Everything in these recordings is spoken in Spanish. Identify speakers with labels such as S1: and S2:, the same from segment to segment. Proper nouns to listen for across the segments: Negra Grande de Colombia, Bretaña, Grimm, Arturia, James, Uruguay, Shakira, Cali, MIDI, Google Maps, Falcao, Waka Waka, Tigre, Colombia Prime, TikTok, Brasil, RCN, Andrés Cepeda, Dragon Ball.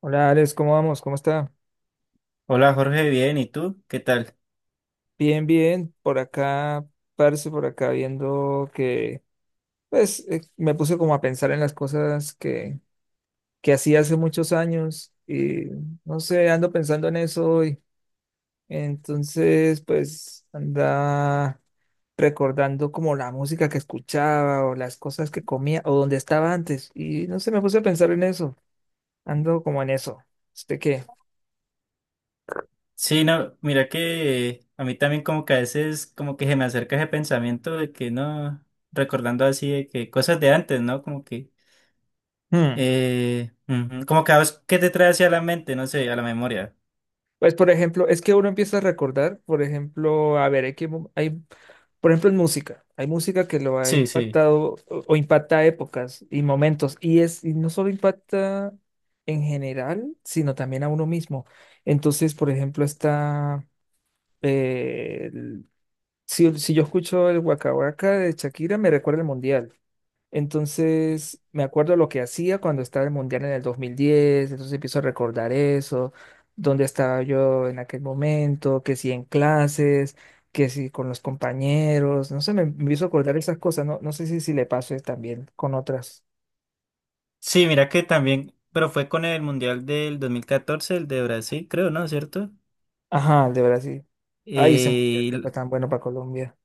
S1: Hola Alex, ¿cómo vamos? ¿Cómo está?
S2: Hola Jorge, bien, ¿y tú? ¿Qué tal?
S1: Bien, bien. Por acá, parce, por acá viendo que, pues, me puse como a pensar en las cosas que hacía hace muchos años y no sé, ando pensando en eso hoy. Entonces, pues, anda recordando como la música que escuchaba o las cosas que comía o donde estaba antes. Y no sé, me puse a pensar en eso. Ando como en eso. ¿Usted qué?
S2: Sí, no, mira que a mí también como que a veces como que se me acerca ese pensamiento de que no, recordando así de que cosas de antes, ¿no? Como que, ujú, como que a vos, ¿qué te trae hacia la mente? No sé, a la memoria.
S1: Pues, por ejemplo, es que uno empieza a recordar, por ejemplo, a ver, hay que, hay, por ejemplo, en música, hay música que lo ha
S2: Sí, sí.
S1: impactado o impacta épocas y momentos, y es, y no solo impacta en general, sino también a uno mismo. Entonces, por ejemplo, está, eh, el- si yo escucho el Waka Waka de Shakira, me recuerda el mundial. Entonces, me acuerdo lo que hacía cuando estaba el Mundial en el 2010, entonces empiezo a recordar eso, dónde estaba yo en aquel momento, que si en clases, que si con los compañeros, no sé, me empiezo a acordar esas cosas, no, no sé si le pase también con otras.
S2: Sí, mira que también, pero fue con el Mundial del 2014 el de Brasil, creo, ¿no? ¿Cierto?
S1: Ajá, el de Brasil. Ay, ese Mundial
S2: Eh, y
S1: que
S2: l-
S1: fue tan bueno para Colombia.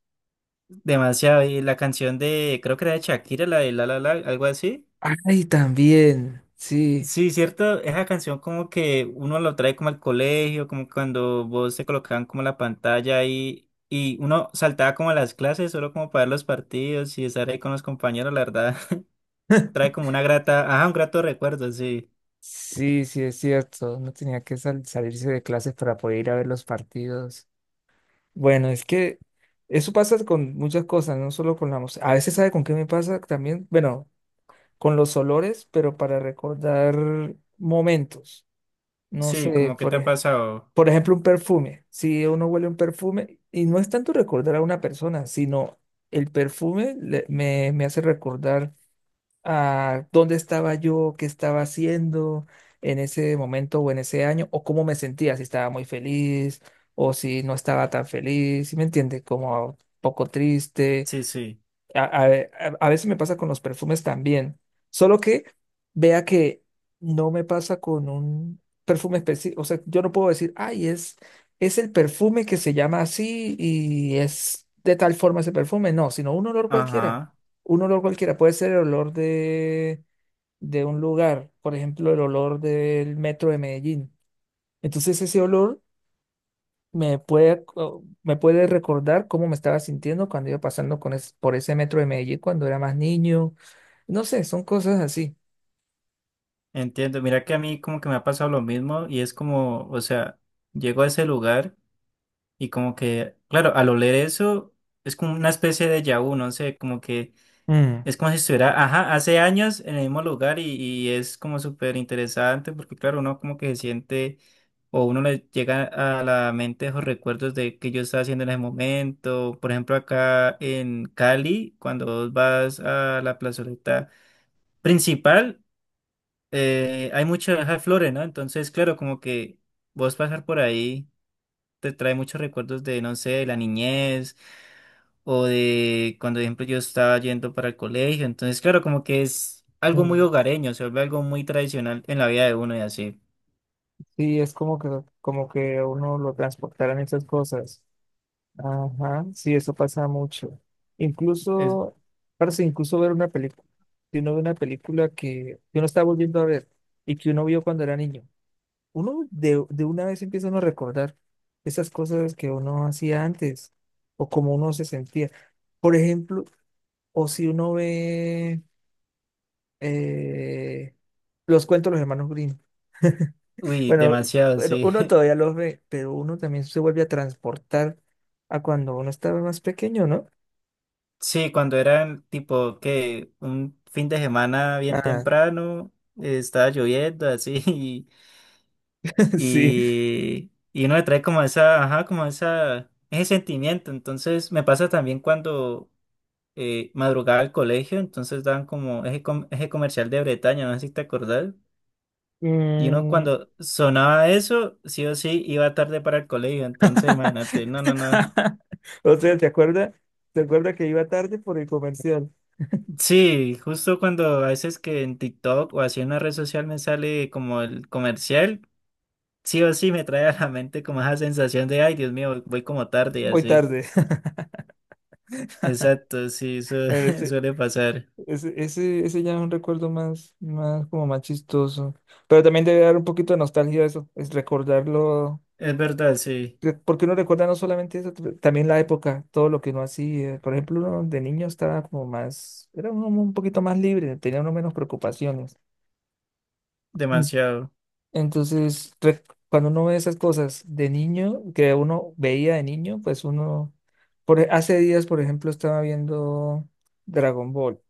S2: Demasiado, y la canción de, creo que era de Shakira, la de La La La, algo así.
S1: Ay, también, sí,
S2: Sí, cierto, esa canción como que uno lo trae como al colegio, como cuando vos te colocaban como la pantalla ahí y uno saltaba como a las clases solo como para ver los partidos y estar ahí con los compañeros, la verdad, trae como una grata, ajá, un grato recuerdo, sí.
S1: sí, sí, es cierto, no tenía que salirse de clases para poder ir a ver los partidos. Bueno, es que eso pasa con muchas cosas, no solo con la música. A veces, ¿sabe con qué me pasa también? Bueno, con los olores, pero para recordar momentos. No
S2: Sí,
S1: sé,
S2: como que te ha pasado.
S1: por ejemplo, un perfume. Si uno huele un perfume, y no es tanto recordar a una persona, sino el perfume me hace recordar a dónde estaba yo, qué estaba haciendo en ese momento o en ese año, o cómo me sentía, si estaba muy feliz o si no estaba tan feliz, ¿si me entiende? Como un poco triste
S2: Sí, sí.
S1: a, a- a veces me pasa con los perfumes también, solo que vea que no me pasa con un perfume específico, o sea, yo no puedo decir, ay, es el perfume que se llama así y es de tal forma ese perfume, no, sino
S2: Ajá,
S1: un olor cualquiera, puede ser el olor de un lugar, por ejemplo, el olor del metro de Medellín. Entonces ese olor me puede recordar cómo me estaba sintiendo cuando iba pasando con por ese metro de Medellín cuando era más niño. No sé, son cosas así.
S2: entiendo. Mira que a mí como que me ha pasado lo mismo y es como, o sea, llego a ese lugar y como que, claro, al oler eso es como una especie de déjà vu, no sé, como que
S1: Mm,
S2: es como si estuviera, ajá, hace años en el mismo lugar y es como súper interesante porque claro, uno como que se siente o uno le llega a la mente esos recuerdos de que yo estaba haciendo en ese momento. Por ejemplo, acá en Cali, cuando vos vas a la plazoleta principal, hay muchas flores, ¿no? Entonces, claro, como que vos pasar por ahí te trae muchos recuerdos de, no sé, de la niñez o de cuando, por ejemplo, yo estaba yendo para el colegio. Entonces, claro, como que es algo muy
S1: Mm.
S2: hogareño, se vuelve algo muy tradicional en la vida de uno y así.
S1: Sí, es como que a uno lo transportaran esas cosas. Ajá, sí, eso pasa mucho.
S2: Es,
S1: Incluso, parece incluso ver una película. Si uno ve una película que uno está volviendo a ver y que uno vio cuando era niño. Uno de una vez empieza uno a recordar esas cosas que uno hacía antes o cómo uno se sentía. Por ejemplo, o si uno ve eh, los cuentos de los hermanos Grimm.
S2: Uy,
S1: Bueno,
S2: demasiado,
S1: bueno,
S2: sí.
S1: uno todavía los ve, pero uno también se vuelve a transportar a cuando uno estaba más pequeño, ¿no?
S2: Sí, cuando era tipo que un fin de semana bien
S1: Ah,
S2: temprano, estaba lloviendo así y,
S1: sí.
S2: y uno le trae como esa, ajá, como esa, ese sentimiento. Entonces, me pasa también cuando madrugaba al colegio, entonces daban como eje comercial de Bretaña, no sé si te acordás. Y uno
S1: Mm.
S2: cuando sonaba eso, sí o sí, iba tarde para el colegio, entonces imagínate, no, no, no.
S1: O sea, ¿te acuerdas? ¿Te acuerdas que iba tarde por el comercial?
S2: Sí, justo cuando a veces que en TikTok o así en una red social me sale como el comercial, sí o sí me trae a la mente como esa sensación de, ay, Dios mío, voy como tarde y
S1: Voy
S2: así.
S1: tarde.
S2: Exacto, sí, eso
S1: Bueno,
S2: suele pasar.
S1: ese, ese, ese ya es un recuerdo más, más como más chistoso. Pero también debe dar un poquito de nostalgia eso, es recordarlo.
S2: Es verdad, sí,
S1: ¿Por qué uno recuerda no solamente eso, también la época, todo lo que uno hacía? Por ejemplo, uno de niño estaba como más, era uno un poquito más libre, tenía uno menos preocupaciones. Mm.
S2: demasiado.
S1: Entonces, cuando uno ve esas cosas de niño, que uno veía de niño, pues uno, hace días, por ejemplo, estaba viendo Dragon Ball.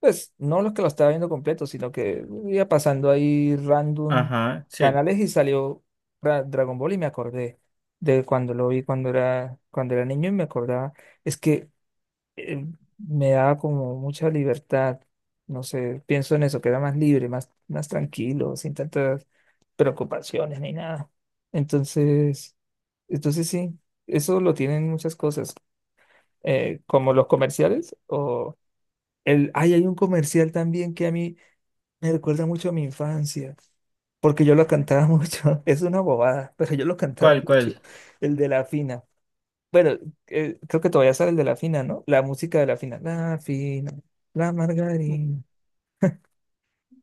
S1: Pues no los que lo estaba viendo completo, sino que iba pasando ahí random
S2: Ajá, sí.
S1: canales y salió Dragon Ball y me acordé de cuando lo vi cuando era niño y me acordaba. Es que eh, me daba como mucha libertad. No sé, pienso en eso, que era más libre, más, más tranquilo, sin tantas preocupaciones ni nada. Entonces, entonces sí, eso lo tienen muchas cosas, como los comerciales el, ay, hay un comercial también que a mí me recuerda mucho a mi infancia, porque yo lo cantaba mucho. Es una bobada, pero yo lo cantaba
S2: ¿Cuál,
S1: mucho.
S2: cuál?
S1: El de la fina. Bueno, creo que todavía sale el de la fina, ¿no? La música de la fina. La fina, la margarina.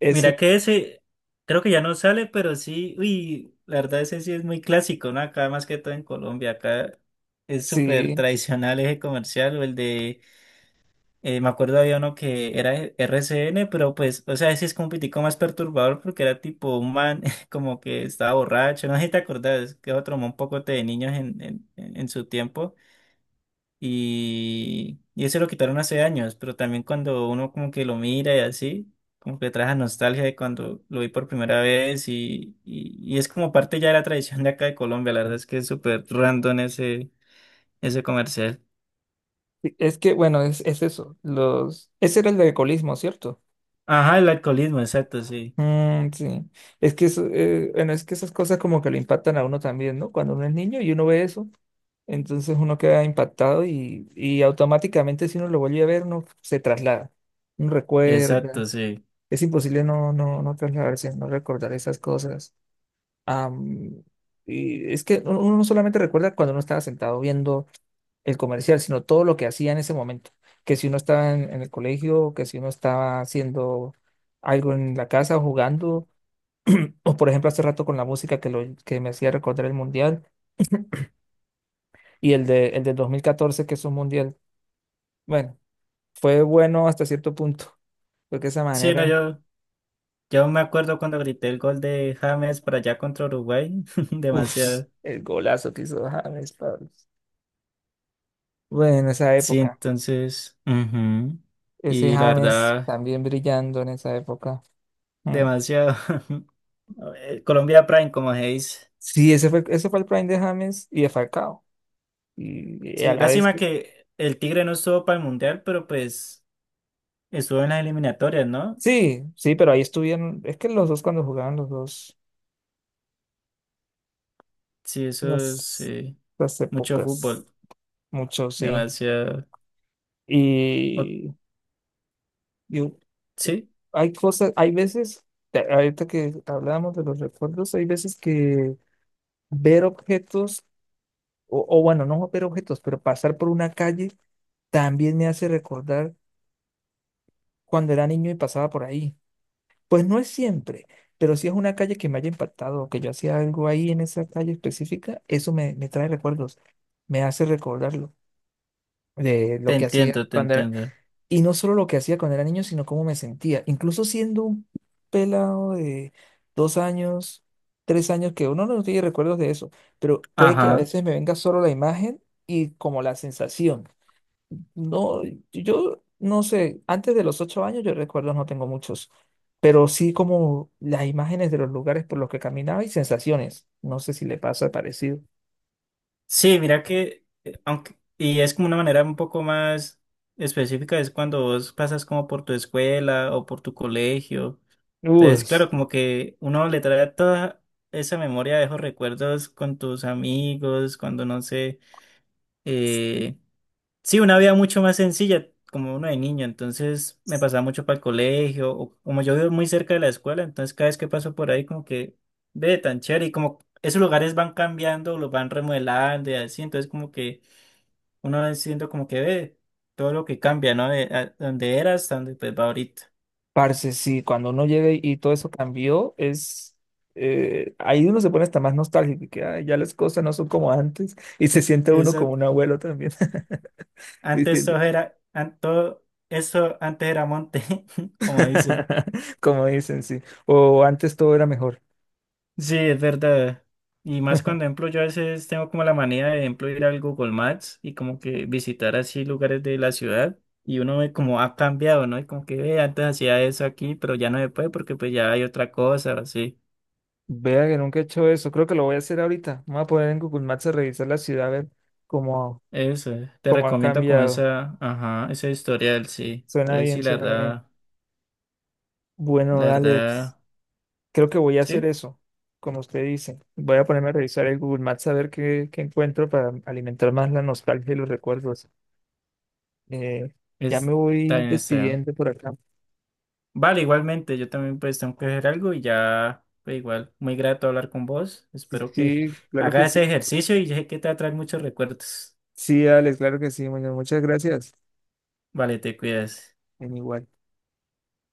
S1: Ese,
S2: Mira que ese, creo que ya no sale, pero sí, uy, la verdad ese sí es muy clásico, ¿no? Acá más que todo en Colombia, acá es súper
S1: sí.
S2: tradicional ese comercial, o el de, me acuerdo había uno que era RCN, pero pues, o sea, ese es como un pitico más perturbador porque era tipo un man como que estaba borracho, no sé si te acordás, que otro man un poco de niños en su tiempo. Y eso lo quitaron hace años, pero también cuando uno como que lo mira y así, como que le trae esa nostalgia de cuando lo vi por primera vez y es como parte ya de la tradición de acá de Colombia, la verdad es que es súper random ese comercial.
S1: Sí, es que, bueno, es eso. Los, ese era el de alcoholismo, ¿cierto?
S2: Ajá, el alcoholismo, exacto, sí,
S1: Mm, sí. Es que eso, bueno, es que esas cosas como que le impactan a uno también, ¿no? Cuando uno es niño y uno ve eso. Entonces uno queda impactado y automáticamente si uno lo vuelve a ver, uno se traslada, uno
S2: exacto,
S1: recuerda.
S2: sí.
S1: Es imposible no, no, no trasladarse, no recordar esas cosas. Am, y es que uno no solamente recuerda cuando uno estaba sentado viendo el comercial, sino todo lo que hacía en ese momento. Que si uno estaba en el colegio, que si uno estaba haciendo algo en la casa o jugando, o por ejemplo hace rato con la música que, lo, que me hacía recordar el mundial y el del 2014 que es un mundial. Bueno, fue bueno hasta cierto punto, porque esa
S2: Sí, no,
S1: manera,
S2: yo me acuerdo cuando grité el gol de James para allá contra Uruguay,
S1: uff,
S2: demasiado.
S1: el golazo que hizo James, Pablo. Bueno, en esa
S2: Sí,
S1: época,
S2: entonces, ujú,
S1: ese
S2: y la
S1: James
S2: verdad,
S1: también brillando en esa época. Mm.
S2: demasiado. Colombia Prime, como se dice.
S1: Sí, ese fue el prime de James y de Falcao. Y a
S2: Sí,
S1: la vez,
S2: lástima que el Tigre no estuvo para el Mundial, pero pues estuvo en las eliminatorias, ¿no?
S1: sí, sí, pero ahí estuvieron, es que los dos cuando jugaban los dos,
S2: Sí, eso es
S1: las, las
S2: mucho fútbol,
S1: épocas, mucho, sí.
S2: demasiado. o-
S1: Y yo,
S2: sí,
S1: hay cosas, hay veces, ahorita que hablábamos de los recuerdos, hay veces que ver objetos, o bueno, no ver objetos, pero pasar por una calle también me hace recordar cuando era niño y pasaba por ahí. Pues no es siempre, pero si es una calle que me haya impactado o que yo hacía algo ahí en esa calle específica, eso me trae recuerdos, me hace recordarlo de
S2: te
S1: lo que hacía
S2: entiendo, te
S1: cuando era,
S2: entiendo.
S1: y no solo lo que hacía cuando era niño, sino cómo me sentía. Incluso siendo un pelado de 2 años, 3 años, que uno no tiene recuerdos de eso, pero puede que a
S2: Ajá.
S1: veces me venga solo la imagen y como la sensación. No, yo no sé, antes de los 8 años yo recuerdos no tengo muchos, pero sí como las imágenes de los lugares por los que caminaba y sensaciones. No sé si le pasa parecido.
S2: Sí, mira que, y es como una manera un poco más específica, es cuando vos pasas como por tu escuela o por tu colegio.
S1: Uy.
S2: Entonces, claro, como que uno le trae toda esa memoria, de esos recuerdos con tus amigos, cuando no sé. Eh, sí, una vida mucho más sencilla, como uno de niño, entonces me pasaba mucho para el colegio, o como yo vivo muy cerca de la escuela, entonces cada vez que paso por ahí como que ve tan chévere y como esos lugares van cambiando, los van remodelando y así, entonces como que uno va siendo como que ve todo lo que cambia, ¿no? De donde era hasta donde pues va ahorita.
S1: Parce, sí, cuando uno llega y todo eso cambió, es ahí uno se pone hasta más nostálgico, y que "Ay, ya las cosas no son como antes", y se siente uno como
S2: Eso,
S1: un abuelo también,
S2: antes
S1: diciendo,
S2: todo era, an- todo eso antes era monte, como dicen.
S1: como dicen, sí, o antes todo era mejor.
S2: Sí, es verdad. Y más cuando, ejemplo, yo a veces tengo como la manía de, ejemplo, ir al Google Maps y como que visitar así lugares de la ciudad y uno ve como ha cambiado, ¿no? Y como que "Ve, antes hacía eso aquí, pero ya no se puede porque pues ya hay otra cosa, o así.
S1: Vea que nunca he hecho eso, creo que lo voy a hacer ahorita. Me voy a poner en Google Maps a revisar la ciudad, a ver cómo,
S2: Eso, te
S1: cómo han
S2: recomiendo como
S1: cambiado.
S2: esa, ajá, ese historial, sí.
S1: Suena
S2: Entonces sí,
S1: bien,
S2: la
S1: suena bien.
S2: verdad,
S1: Bueno,
S2: la
S1: dale.
S2: verdad,
S1: Creo que voy a hacer
S2: sí,
S1: eso, como usted dice. Voy a ponerme a revisar el Google Maps a ver qué, qué encuentro para alimentar más la nostalgia y los recuerdos. Eh, ya me
S2: es, está
S1: voy
S2: bien, está bien.
S1: despidiendo por acá.
S2: Vale, igualmente, yo también pues tengo que hacer algo y ya, pues igual, muy grato hablar con vos.
S1: Sí,
S2: Espero que
S1: sí, claro que
S2: hagas ese
S1: sí.
S2: ejercicio y sé que te va a traer muchos recuerdos.
S1: Sí, Alex, claro que sí. Bueno, muchas gracias.
S2: Vale, te cuidas.
S1: En igual.